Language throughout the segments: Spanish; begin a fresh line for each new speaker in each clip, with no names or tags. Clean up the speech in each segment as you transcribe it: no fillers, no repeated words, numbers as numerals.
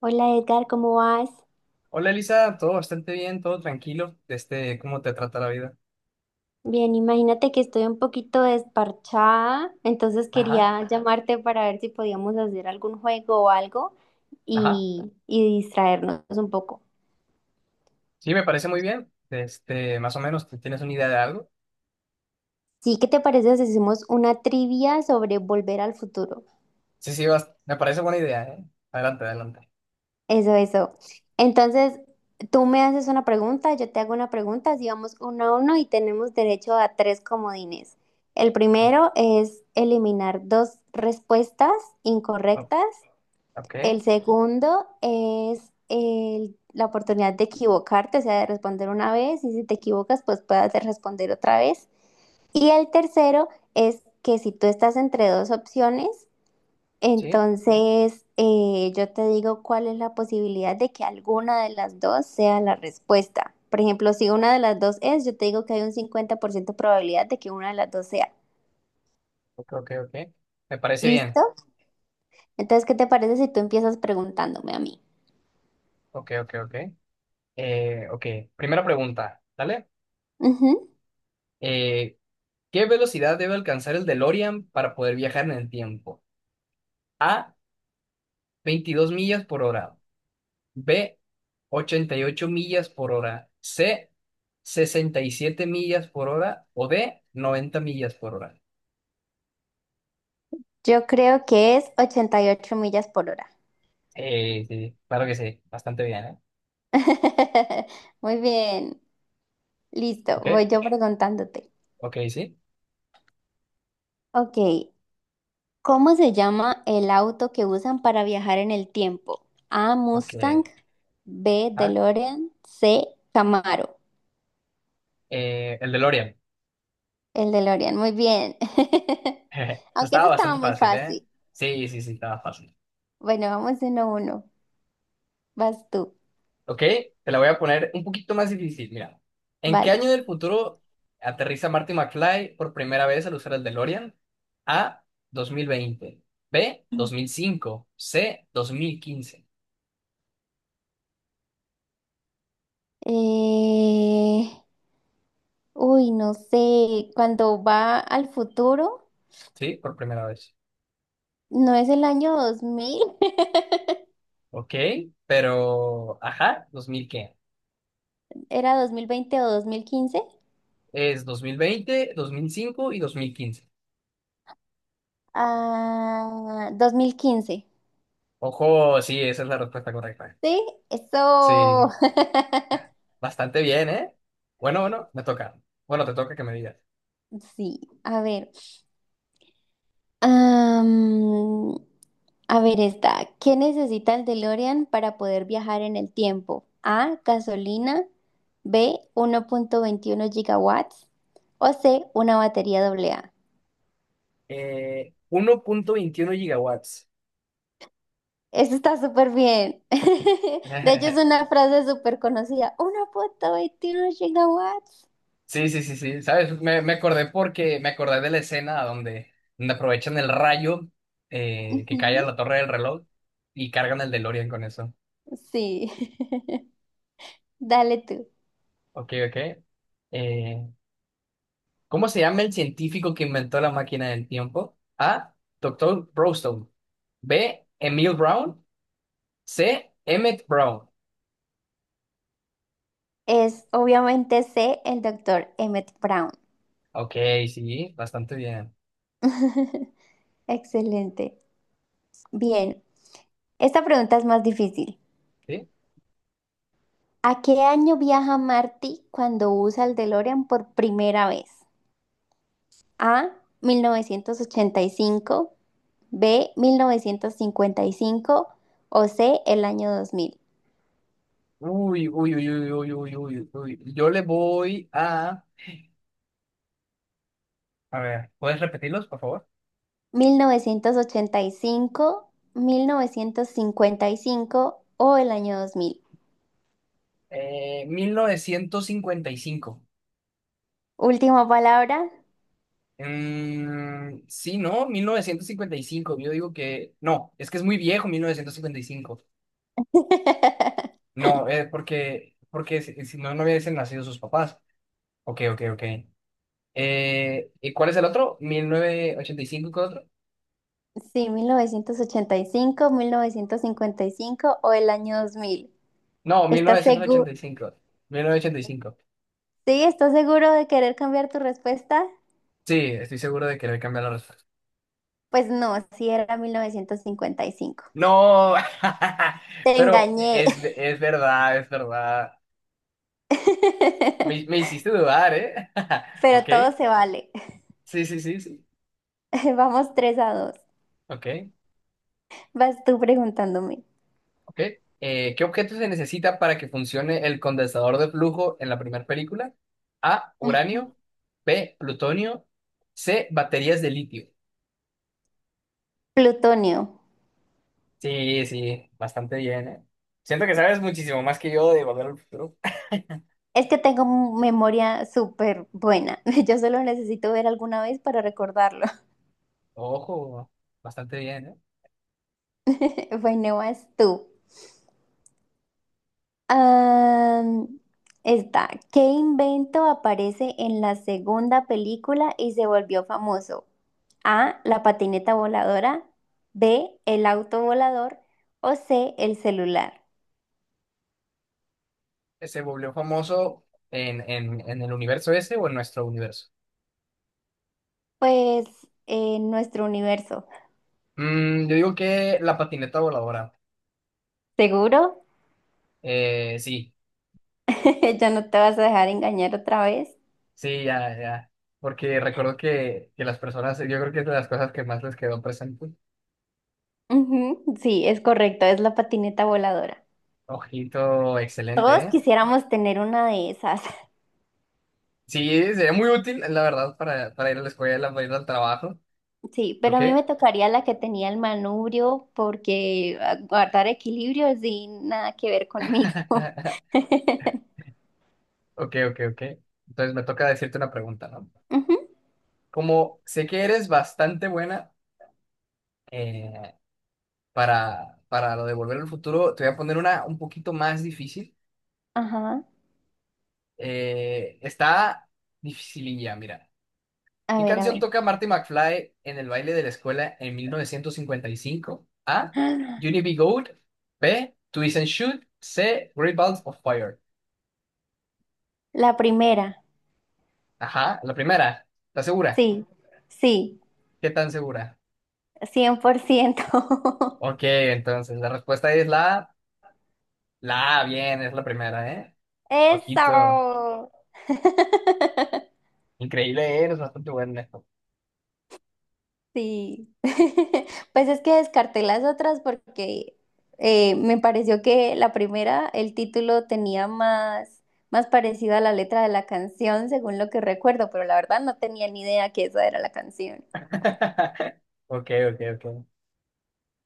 Hola Edgar, ¿cómo vas?
Hola Elisa, todo bastante bien, todo tranquilo. ¿Cómo te trata la vida?
Bien, imagínate que estoy un poquito desparchada, entonces
Ajá,
quería llamarte para ver si podíamos hacer algún juego o algo
ajá.
y distraernos un poco.
Sí, me parece muy bien. Más o menos, ¿tú ¿tienes una idea de algo?
Sí, ¿qué te parece si hacemos una trivia sobre Volver al Futuro?
Sí, sí, me parece buena idea, ¿eh? Adelante, adelante.
Eso, eso. Entonces, tú me haces una pregunta, yo te hago una pregunta, así vamos uno a uno y tenemos derecho a tres comodines. El
Ok,
primero es eliminar dos respuestas
ok,
incorrectas.
ok,
El segundo es la oportunidad de equivocarte, o sea, de responder una vez y si te equivocas, pues puedas de responder otra vez. Y el tercero es que si tú estás entre dos opciones,
sí,
entonces yo te digo cuál es la posibilidad de que alguna de las dos sea la respuesta. Por ejemplo, si una de las dos es, yo te digo que hay un 50% probabilidad de que una de las dos sea.
ok, ok, ok. Me parece bien.
¿Listo? Entonces, ¿qué te parece si tú empiezas preguntándome a mí?
Ok, ok, ok. Ok, primera pregunta, ¿vale?
Ujú.
Eh, ¿Qué velocidad debe alcanzar el DeLorean para poder viajar en el tiempo? A, 22 millas por hora. B, 88 millas por hora. C, 67 millas por hora. O D, 90 millas por hora.
Yo creo que es 88 millas por hora.
Sí, claro que sí, bastante bien, ¿eh?
Muy bien, listo,
Ok,
voy yo preguntándote.
ok, sí.
Ok, ¿cómo se llama el auto que usan para viajar en el tiempo? A,
Ok,
Mustang; B,
ah,
DeLorean; C, Camaro.
el DeLorean.
El DeLorean, muy bien. Aunque eso
Estaba
estaba
bastante
muy
fácil, ¿eh?
fácil.
Sí, sí, sí, estaba fácil.
Bueno, vamos uno a uno. Vas tú.
Ok, te la voy a poner un poquito más difícil. Mira, ¿en qué
Vale.
año del futuro aterriza Marty McFly por primera vez al usar el DeLorean? A, 2020. B, 2005. C, 2015.
Eh, Uy, no sé. Cuando va al futuro.
Sí, por primera vez.
No es el año 2000,
Ok, pero, ajá, ¿2000 qué?
era 2020 o 2015.
Es 2020, 2005 y 2015.
Ah, 2015.
Ojo, sí, esa es la respuesta correcta.
Sí,
Sí,
eso.
bastante bien, ¿eh? Bueno, bueno, me toca. Bueno, te toca que me digas.
Sí, a ver. Am, a ver esta. ¿Qué necesita el DeLorean para poder viajar en el tiempo? A, gasolina; B, uno punto veintiuno gigawatts; o C, una batería AA.
1.21 gigawatts.
Eso está súper bien. De hecho, es una frase súper conocida. Una foto veintiún gigawatts.
Sí, sí, sí, sí, ¿sabes? Me acordé porque me acordé de la escena donde, aprovechan el rayo que cae a
Ujú.
la torre del reloj y cargan el DeLorean con eso.
Sí. Dale tú.
Ok, ok. Eh, ¿Cómo se llama el científico que inventó la máquina del tiempo? A. Doctor Brownstone. B. Emil Brown. C. Emmett Brown.
Es obviamente C, el doctor Emmett Brown.
Ok, sí, bastante bien.
Excelente. Bien, esta pregunta es más difícil.
¿Sí?
¿A qué año viaja Marty cuando usa el DeLorean por primera vez? A, 1985. B, 1955. O C, el año 2000.
Uy, uy, uy, uy, uy, uy, uy, uy. Yo le voy a... A ver, ¿puedes repetirlos, por favor?
Mil novecientos ochenta y cinco, mil novecientos cincuenta y cinco, o el año dos mil.
Eh, 1955.
Última palabra.
Mm, sí, ¿no? 1955, yo digo que... No, es que es muy viejo 1955. No, porque, si no, hubiesen nacido sus papás. Ok, ok, ok. ¿Y cuál es el otro? 1985. ¿Cuál otro?
Sí, mil novecientos ochenta y cinco, mil novecientos cincuenta y cinco, o el año dos mil.
No, mil
¿Estás seguro?
novecientos ochenta y cinco, 1985.
Sí, ¿estás seguro de querer cambiar tu respuesta?
Sí, estoy seguro de que le voy a la respuesta.
Pues no, sí era mil novecientos cincuenta y cinco.
No,
Te
pero
engañé.
es verdad, es verdad. Me hiciste dudar, ¿eh?
Pero
Ok.
todo se vale.
Sí, sí, sí, sí.
Vamos 3 a dos.
Ok,
Vas tú preguntándome.
ok. ¿Qué objeto se necesita para que funcione el condensador de flujo en la primera película? A,
Ujú.
uranio. B, plutonio. C, baterías de litio.
Plutonio.
Sí, sí, bastante bien, ¿eh? Siento que sabes muchísimo más que yo de Volver al Futuro.
Es que tengo memoria súper buena. Yo solo necesito ver alguna vez para recordarlo.
Ojo, bastante bien, ¿eh?
Bueno, vas tú. Am, esta. ¿Qué invento aparece en la segunda película y se volvió famoso? A, la patineta voladora. B, el auto volador. O C, el celular.
¿Que se volvió famoso en, el universo ese o en nuestro universo?
Pues en nuestro universo.
Yo digo que la patineta voladora.
¿Seguro?
Sí.
¿Ya no te vas a dejar engañar otra vez?
Sí, ya, ya. Porque recuerdo que, las personas, yo creo que es de las cosas que más les quedó presente.
Ujú. Sí, es correcto, es la patineta voladora.
Ojito, excelente,
Todos
¿eh?
quisiéramos tener una de esas.
Sí, sería muy útil, la verdad, para, ir a la escuela, para ir al trabajo.
Sí, pero a
¿Ok?
mí me tocaría la que tenía el manubrio porque guardar equilibrio es sin nada que ver conmigo.
Ok, ok, ok. Entonces me toca decirte una pregunta, ¿no?
Ujú.
Como sé que eres bastante buena eh, para, lo de volver al futuro, te voy a poner una un poquito más difícil.
Ajá.
Está dificililla, mira.
A
¿Qué
ver, a
canción
ver.
toca Marty McFly en el baile de la escuela en 1955? A.
Ah,
Unity Be Gold. B. Twist and Shoot. C. Great Balls of Fire.
La primera.
Ajá, la primera. ¿Estás segura?
Sí, sí,
¿Qué tan segura?
cien por ciento.
Ok, entonces la respuesta es la A. La A, bien, es la primera, ¿eh? Ojito.
Eso.
Increíble, ¿eh? Eres bastante bueno en esto.
Sí, pues es que descarté las otras porque me pareció que la primera, el título tenía más, más parecido a la letra de la canción, según lo que recuerdo, pero la verdad no tenía ni idea que esa era la canción.
Ok, ok, ok.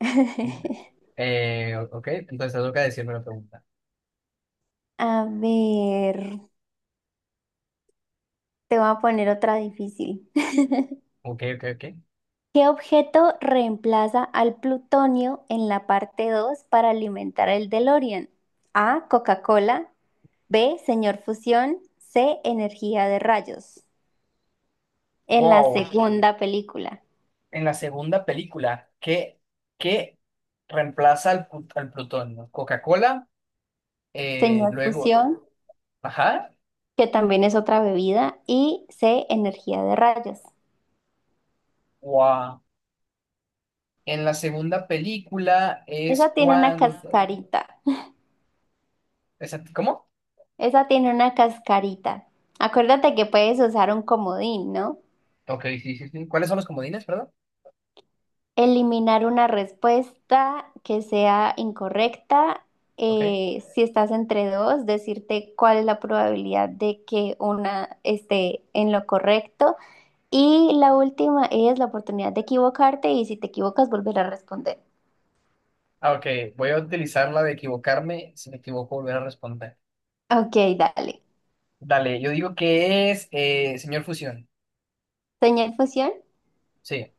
Ok, entonces te toca decirme la pregunta.
A ver, te voy a poner otra difícil.
Ok, ok, ok.
¿Qué objeto reemplaza al plutonio en la parte 2 para alimentar el DeLorean? A, Coca-Cola; B, Señor Fusión; C, Energía de Rayos. En la
Wow.
segunda película,
En la segunda película, que reemplaza al, al plutonio? ¿Coca-Cola?
Señor
Luego,
Fusión,
ajá,
que también es otra bebida, y C, Energía de Rayos.
wow. En la segunda película es
Esa tiene una
cuando...
cascarita.
¿Cómo?
Esa tiene una cascarita. Acuérdate que puedes usar un comodín, ¿no?
Ok, sí, sí, sí. ¿Cuáles son los comodines, perdón?
Eliminar una respuesta que sea incorrecta.
Ok.
Si estás entre dos, decirte cuál es la probabilidad de que una esté en lo correcto. Y la última es la oportunidad de equivocarte y si te equivocas, volver a responder.
Ah, ok, voy a utilizar la de equivocarme. Si me equivoco, volver a responder.
Ok, dale.
Dale, yo digo que es señor Fusión.
Señal fusión.
Sí.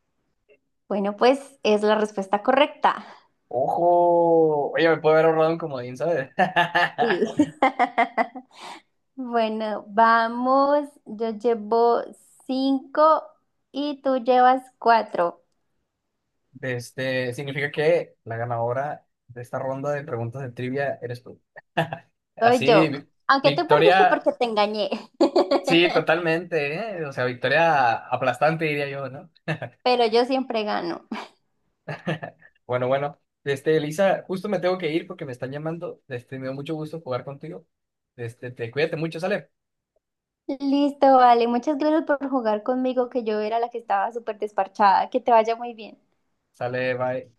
Bueno, pues es la respuesta correcta.
Ojo, oye, me puedo haber ahorrado un comodín, ¿sabes?
Sí. Bueno, vamos. Yo llevo cinco y tú llevas cuatro.
Significa que la ganadora de esta ronda de preguntas de trivia eres tú.
Soy
Así,
yo. Aunque tú perdiste
victoria,
porque te engañé,
sí, totalmente, ¿eh? O sea, victoria aplastante, diría yo, ¿no?
pero yo siempre gano.
Bueno, bueno, Elisa, justo me tengo que ir porque me están llamando. Me dio mucho gusto jugar contigo. Te cuídate mucho, sale.
Listo, vale. Muchas gracias por jugar conmigo, que yo era la que estaba súper desparchada. Que te vaya muy bien.
Sale, bye.